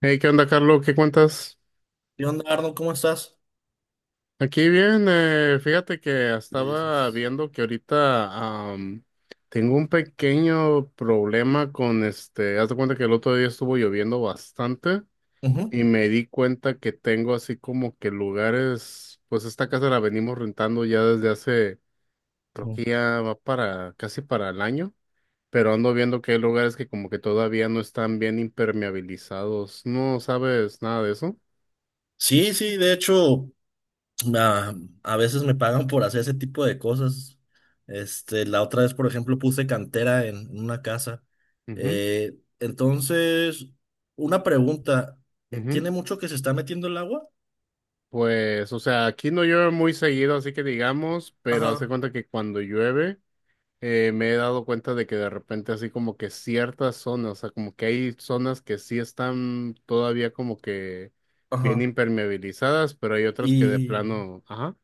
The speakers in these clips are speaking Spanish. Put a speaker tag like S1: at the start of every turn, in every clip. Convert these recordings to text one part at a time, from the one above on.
S1: Hey, ¿qué onda, Carlos? ¿Qué cuentas?
S2: ¿Qué onda, Arnold? ¿Cómo estás?
S1: Aquí bien, fíjate que
S2: Le
S1: estaba
S2: dices.
S1: viendo que ahorita tengo un pequeño problema con este, haz de cuenta que el otro día estuvo lloviendo bastante
S2: Ujú.
S1: y me di cuenta que tengo así como que lugares, pues esta casa la venimos rentando ya desde hace, creo
S2: Ujú.
S1: que ya va para casi para el año, pero ando viendo que hay lugares que como que todavía no están bien impermeabilizados. ¿No sabes nada de eso?
S2: Sí, sí, de hecho, a, a veces me pagan por hacer ese tipo de cosas. Este, la otra vez, por ejemplo, puse cantera en una casa.
S1: Ujú,
S2: Entonces, una pregunta,
S1: ujú.
S2: ¿tiene mucho que se está metiendo el agua?
S1: Pues, o sea, aquí no llueve muy seguido, así que digamos, pero hace
S2: Ajá,
S1: cuenta que cuando llueve, me he dado cuenta de que de repente así como que ciertas zonas, o sea, como que hay zonas que sí están todavía como que bien
S2: ajá.
S1: impermeabilizadas, pero hay otras que de
S2: Y,
S1: plano, ajá.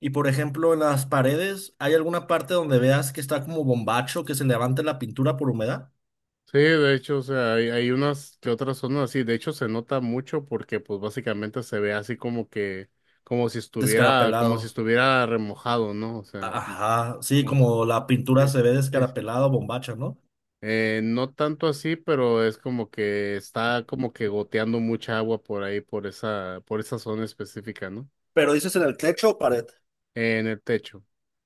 S2: y por ejemplo, en las paredes, ¿hay alguna parte donde veas que está como bombacho, que se levante la pintura por humedad?
S1: Sí, de hecho, o sea, hay unas que otras zonas así, de hecho se nota mucho porque pues básicamente se ve así como que, como si
S2: Descarapelado.
S1: estuviera remojado, ¿no? O sea,
S2: Ajá, sí,
S1: como-
S2: como la
S1: sí,
S2: pintura se ve
S1: sí.
S2: descarapelada o bombacha, ¿no?
S1: No tanto así, pero es como que está como que goteando mucha agua por ahí, por esa zona específica, ¿no?
S2: Pero dices en el techo o pared.
S1: En el techo.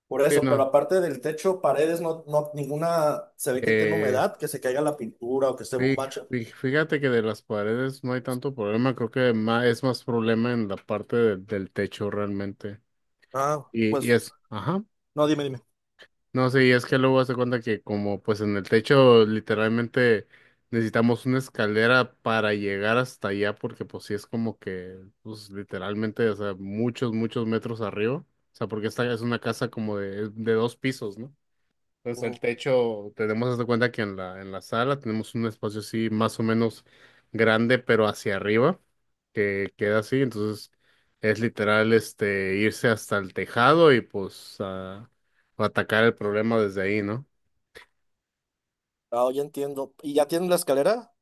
S2: Por
S1: Sí,
S2: eso, pero
S1: no.
S2: aparte del techo, paredes, no, no, ninguna se ve que tiene
S1: Eh,
S2: humedad, que se caiga la pintura o que esté
S1: fí-
S2: bombacha.
S1: Fíjate que de las paredes no hay tanto problema, creo que es más problema en la parte del techo realmente.
S2: Ah, pues.
S1: Ajá.
S2: No, dime, dime.
S1: No, sí, es que luego hace cuenta que como pues en el techo literalmente necesitamos una escalera para llegar hasta allá porque pues sí es como que pues literalmente, o sea, muchos metros arriba. O sea, porque esta es una casa como de dos pisos, ¿no? Entonces el
S2: Ujú.
S1: techo, tenemos hasta cuenta que en la sala tenemos un espacio así más o menos grande, pero hacia arriba, que queda así. Entonces es literal este irse hasta el tejado y pues atacar el problema desde ahí, ¿no?
S2: Ah, ya entiendo. ¿Y ya tienen la escalera?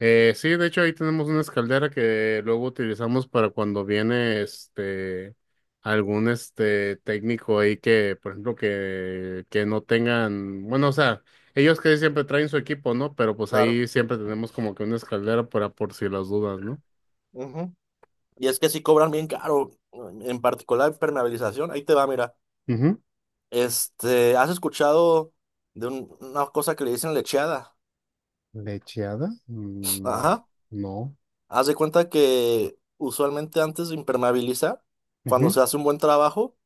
S1: Sí, de hecho ahí tenemos una escaldera que luego utilizamos para cuando viene este algún este técnico ahí que, por ejemplo, que no tengan, bueno, o sea, ellos que siempre traen su equipo, ¿no? Pero pues
S2: Claro.
S1: ahí siempre tenemos como que una escaldera para por si las dudas, no.
S2: Ujú. Y es que sí cobran bien caro, en particular impermeabilización. Ahí te va, mira.
S1: Ujú.
S2: Este, ¿has escuchado de una cosa que le dicen lecheada?
S1: ¿Lecheada? No,
S2: Ajá.
S1: no.
S2: Haz de cuenta que usualmente antes de impermeabilizar, cuando
S1: Ujú,
S2: se hace un buen trabajo,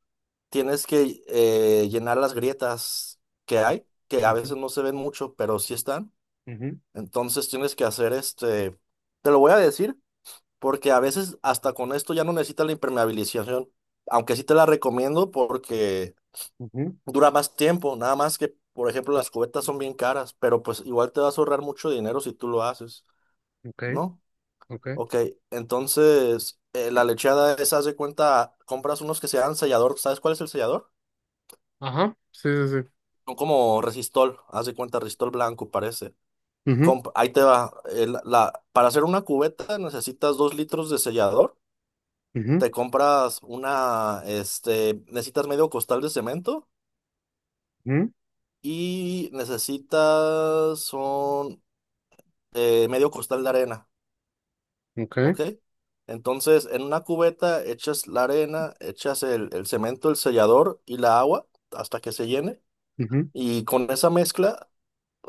S2: tienes que llenar las grietas que hay, que a
S1: ujú,
S2: veces no se ven mucho, pero sí están.
S1: ujú,
S2: Entonces tienes que hacer este, te lo voy a decir, porque a veces hasta con esto ya no necesitas la impermeabilización, aunque sí te la recomiendo porque
S1: ujú.
S2: dura más tiempo, nada más que, por ejemplo, las cubetas son bien caras, pero pues igual te vas a ahorrar mucho dinero si tú lo haces,
S1: Okay,
S2: ¿no?
S1: okay.
S2: Ok, entonces la lecheada es, haz de cuenta, compras unos que sean sellador. ¿Sabes cuál es el sellador?
S1: Ajá, sí, sí, sí.
S2: Son como resistol, haz de cuenta, resistol blanco parece.
S1: Ujú,
S2: Ahí te va, para hacer una cubeta necesitas 2 litros de sellador,
S1: ujú,
S2: te compras una, este, necesitas medio costal de cemento y necesitas, son medio costal de arena.
S1: ujú,
S2: ¿Ok?
S1: okay,
S2: Entonces, en una cubeta echas la arena, echas el cemento, el sellador y la agua hasta que se llene.
S1: ujú,
S2: Y con esa mezcla,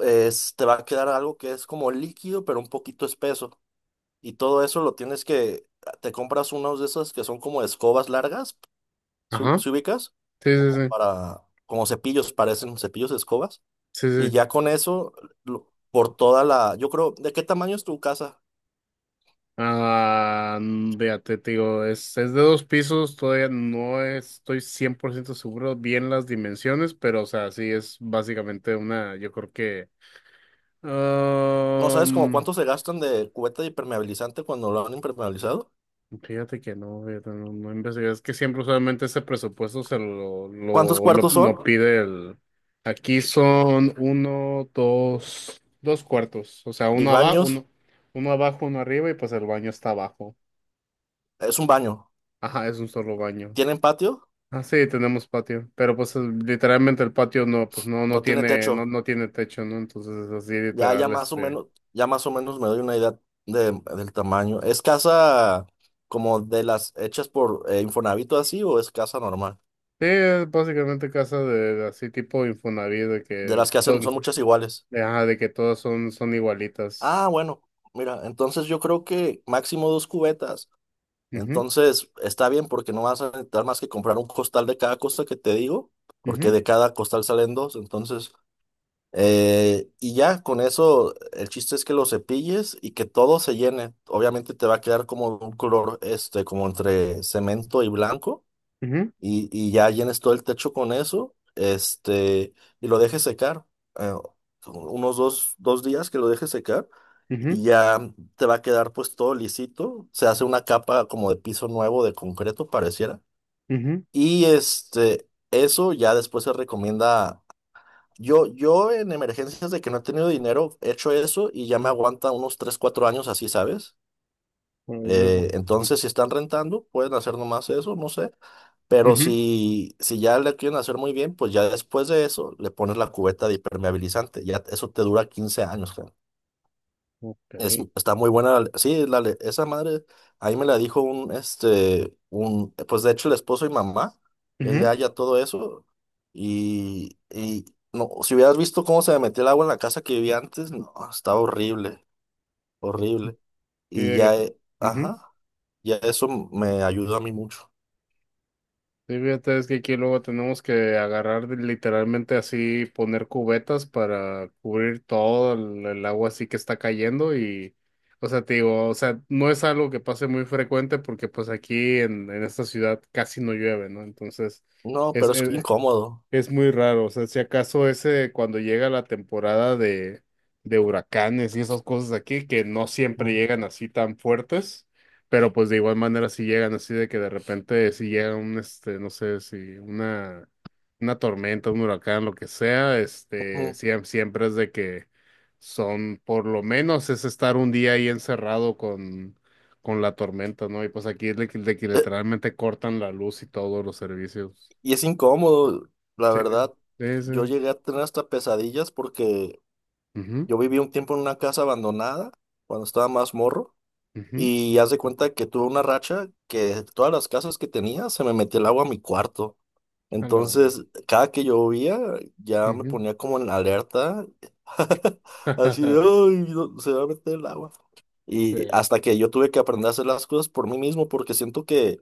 S2: te va a quedar algo que es como líquido, pero un poquito espeso. Y todo eso lo tienes que, te compras unos de esos que son como escobas largas, si,
S1: ajá,
S2: si ubicas,
S1: sí, sí,
S2: como
S1: sí,
S2: para, como cepillos, parecen cepillos de escobas.
S1: sí,
S2: Y
S1: sí.
S2: ya con eso, por toda la, yo creo. ¿De qué tamaño es tu casa?
S1: Ah, fíjate, te digo, es de dos pisos, todavía no estoy 100% seguro bien las dimensiones, pero o sea, sí es básicamente una, yo creo que...
S2: ¿No sabes como
S1: am,
S2: cuánto se gastan de cubeta de impermeabilizante cuando lo han impermeabilizado?
S1: fíjate que no, fíjate, no, no investigué, es que siempre usualmente ese presupuesto se
S2: ¿Cuántos cuartos son?
S1: lo pide el... Aquí son dos cuartos, o sea,
S2: Y baños.
S1: uno abajo, uno arriba y pues el baño está abajo.
S2: Es un baño.
S1: Ajá, es un solo baño.
S2: ¿Tienen patio?
S1: Ah, sí, tenemos patio, pero pues literalmente el patio no, pues no, no
S2: No tiene
S1: tiene, no,
S2: techo.
S1: no tiene techo, ¿no? Entonces es así
S2: Ya, ya
S1: literal,
S2: más o
S1: este,
S2: menos, ya más o menos me doy una idea del tamaño. ¿Es casa como de las hechas por Infonavit o así, o es casa normal?
S1: sí, es básicamente casa de así tipo Infonavit, de
S2: De
S1: que,
S2: las que
S1: todo,
S2: hacen, son muchas iguales.
S1: de, ajá, de que todas son, son igualitas.
S2: Ah, bueno. Mira, entonces yo creo que máximo 2 cubetas.
S1: Ujú,
S2: Entonces, está bien porque no vas a necesitar más que comprar un costal de cada cosa que te digo, porque
S1: ujú,
S2: de cada costal salen dos. Entonces, y ya con eso, el chiste es que lo cepilles y que todo se llene. Obviamente te va a quedar como un color, este, como entre cemento y blanco,
S1: ujú,
S2: y ya llenes todo el techo con eso, este, y lo dejes secar, eh, unos dos días que lo dejes secar y ya te va a quedar pues todo lisito. Se hace una capa como de piso nuevo de concreto, pareciera.
S1: ujú,
S2: Y este, eso ya después se recomienda. Yo en emergencias de que no he tenido dinero, he hecho eso y ya me aguanta unos 3 4 años así, ¿sabes?
S1: ujú.
S2: Entonces, si están rentando, pueden hacer nomás eso, no sé. Pero
S1: Ujú,
S2: si ya le quieren hacer muy bien, pues ya después de eso le pones la cubeta de impermeabilizante. Ya eso te dura 15 años.
S1: ok.
S2: Es, está muy buena. Sí, esa madre, ahí me la dijo un, este, un, pues de hecho el esposo y mamá, él le
S1: Ujú,
S2: halla todo eso. Y no, si hubieras visto cómo se me metió el agua en la casa que vivía antes, no, estaba horrible, horrible.
S1: sí,
S2: Y ya,
S1: ujú.
S2: ajá, ya eso me ayudó a mí mucho.
S1: Sí, fíjate, es que aquí luego tenemos que agarrar literalmente así, poner cubetas para cubrir todo el agua así que está cayendo y, o sea, te digo, o sea, no es algo que pase muy frecuente porque pues aquí en esta ciudad casi no llueve, ¿no? Entonces,
S2: No,
S1: es
S2: pero es
S1: es-
S2: incómodo.
S1: es muy raro, o sea, si acaso ese cuando llega la temporada de huracanes y esas cosas aquí, que no siempre
S2: Ujú,
S1: llegan así tan fuertes, pero pues de igual manera si llegan así de que de repente si llega un, este, no sé, si una, una tormenta, un huracán, lo que sea, este,
S2: ujú.
S1: siempre es de que son, por lo menos es estar un día ahí encerrado con la tormenta, ¿no? Y pues aquí es de que
S2: Eh,
S1: literalmente cortan la luz y todos los servicios.
S2: Y es incómodo, la verdad.
S1: Sí, sí.
S2: Yo llegué a tener hasta pesadillas porque
S1: Ujú.
S2: yo viví un tiempo en una casa abandonada cuando estaba más morro
S1: Ujú,
S2: y haz de cuenta que tuve una racha que todas las casas que tenía se me metía el agua a mi cuarto.
S1: jalo,
S2: Entonces, cada que llovía ya me
S1: ujú.
S2: ponía como en alerta, así de, "Ay, no, se va a meter el agua". Y
S1: Sí.
S2: hasta que yo tuve que aprender a hacer las cosas por mí mismo, porque siento que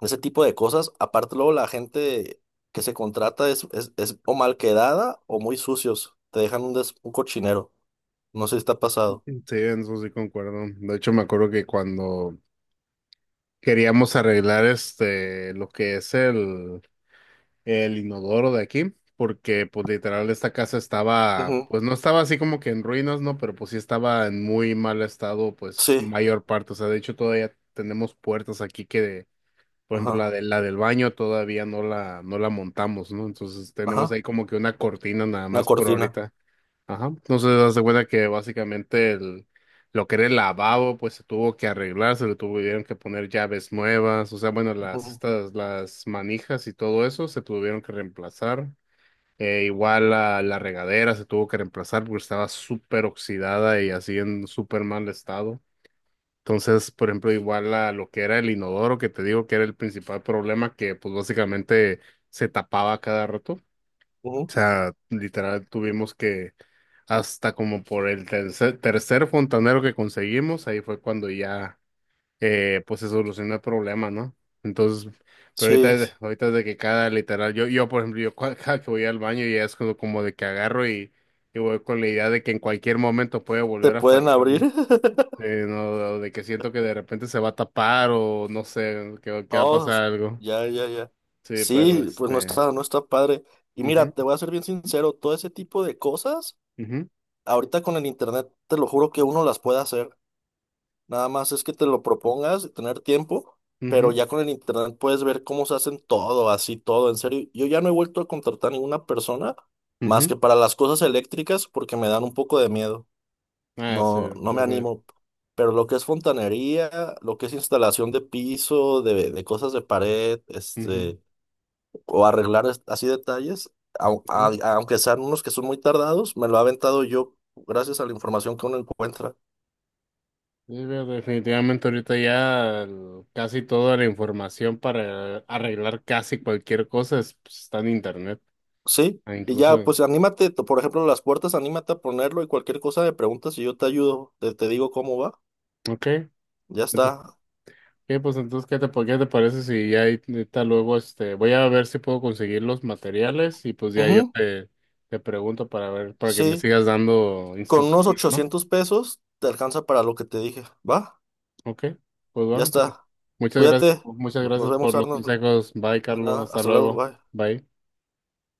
S2: ese tipo de cosas, aparte luego la gente que se contrata es o mal quedada o muy sucios, te dejan un, un cochinero. No sé si está pasado.
S1: Sí, en eso sí concuerdo. De hecho, me acuerdo que cuando queríamos arreglar este lo que es el inodoro de aquí, porque pues literal esta casa estaba,
S2: Ujú.
S1: pues no estaba así como que en ruinas, ¿no? Pero pues sí estaba en muy mal estado, pues
S2: Sí,
S1: mayor parte. O sea, de hecho todavía tenemos puertas aquí que, por ejemplo, la
S2: ajá,
S1: de la del baño todavía no no la montamos, ¿no? Entonces tenemos ahí
S2: ajá,
S1: como que una cortina nada
S2: una
S1: más por
S2: cortina.
S1: ahorita. Ajá. Entonces, das de cuenta que básicamente el, lo que era el lavabo, pues se tuvo que arreglar, se le tuvieron que poner llaves nuevas, o sea, bueno, las,
S2: Ujú,
S1: estas, las manijas y todo eso se tuvieron que reemplazar. Igual la regadera se tuvo que reemplazar porque estaba súper oxidada y así en súper mal estado. Entonces, por ejemplo, igual la, lo que era el inodoro, que te digo que era el principal problema, que pues básicamente se tapaba cada rato. O
S2: ujú.
S1: sea, literal tuvimos que hasta como por el tercer fontanero que conseguimos, ahí fue cuando ya pues se solucionó el problema, ¿no? Entonces, pero
S2: Sí,
S1: ahorita es de que cada literal, yo por ejemplo, cada que voy al baño ya es como, como de que agarro y voy con la idea de que en cualquier momento puede
S2: te
S1: volver a
S2: pueden
S1: fallar,
S2: abrir.
S1: ¿no? No, de que siento que de repente se va a tapar o no sé, que va a
S2: Oh,
S1: pasar algo.
S2: ya, ya, ya.
S1: Sí, pero
S2: Sí, pues no
S1: este.
S2: está, no está padre. Y
S1: Mhm,
S2: mira, te voy a ser bien sincero, todo ese tipo de cosas,
S1: mhm,
S2: ahorita con el internet, te lo juro que uno las puede hacer. Nada más es que te lo propongas, tener tiempo, pero
S1: mhm.
S2: ya con el internet puedes ver cómo se hacen todo, así todo, en serio. Yo ya no he vuelto a contratar ninguna persona más que para las cosas eléctricas porque me dan un poco de miedo.
S1: Ah, sí,
S2: No, no me
S1: defini-
S2: animo. Pero lo que es fontanería, lo que es instalación de piso, de cosas de pared,
S1: ujú.
S2: este, o arreglar así detalles, aunque sean unos que son muy tardados, me lo ha aventado yo gracias a la información que uno encuentra.
S1: Sí, definitivamente ahorita ya casi toda la información para arreglar casi cualquier cosa pues, está en internet.
S2: Sí,
S1: Ah,
S2: y ya,
S1: incluso,
S2: pues anímate, por ejemplo, las puertas, anímate a ponerlo y cualquier cosa me preguntas y yo te ayudo, te digo cómo va,
S1: ok.
S2: ya
S1: Entonces,
S2: está.
S1: ok, pues entonces, ¿qué te parece si ya ahorita luego este, voy a ver si puedo conseguir los materiales y pues ya yo
S2: Ujú,
S1: te, te pregunto para ver, para que me
S2: sí,
S1: sigas dando
S2: con unos
S1: instrucciones, ¿no?
S2: 800 pesos te alcanza para lo que te dije, va,
S1: Ok, pues
S2: ya
S1: bueno, pues
S2: está. Cuídate,
S1: muchas
S2: no, nos
S1: gracias por
S2: vemos,
S1: los
S2: Arnold,
S1: consejos. Bye,
S2: de
S1: Carlos,
S2: nada,
S1: hasta
S2: hasta luego,
S1: luego.
S2: bye.
S1: Bye.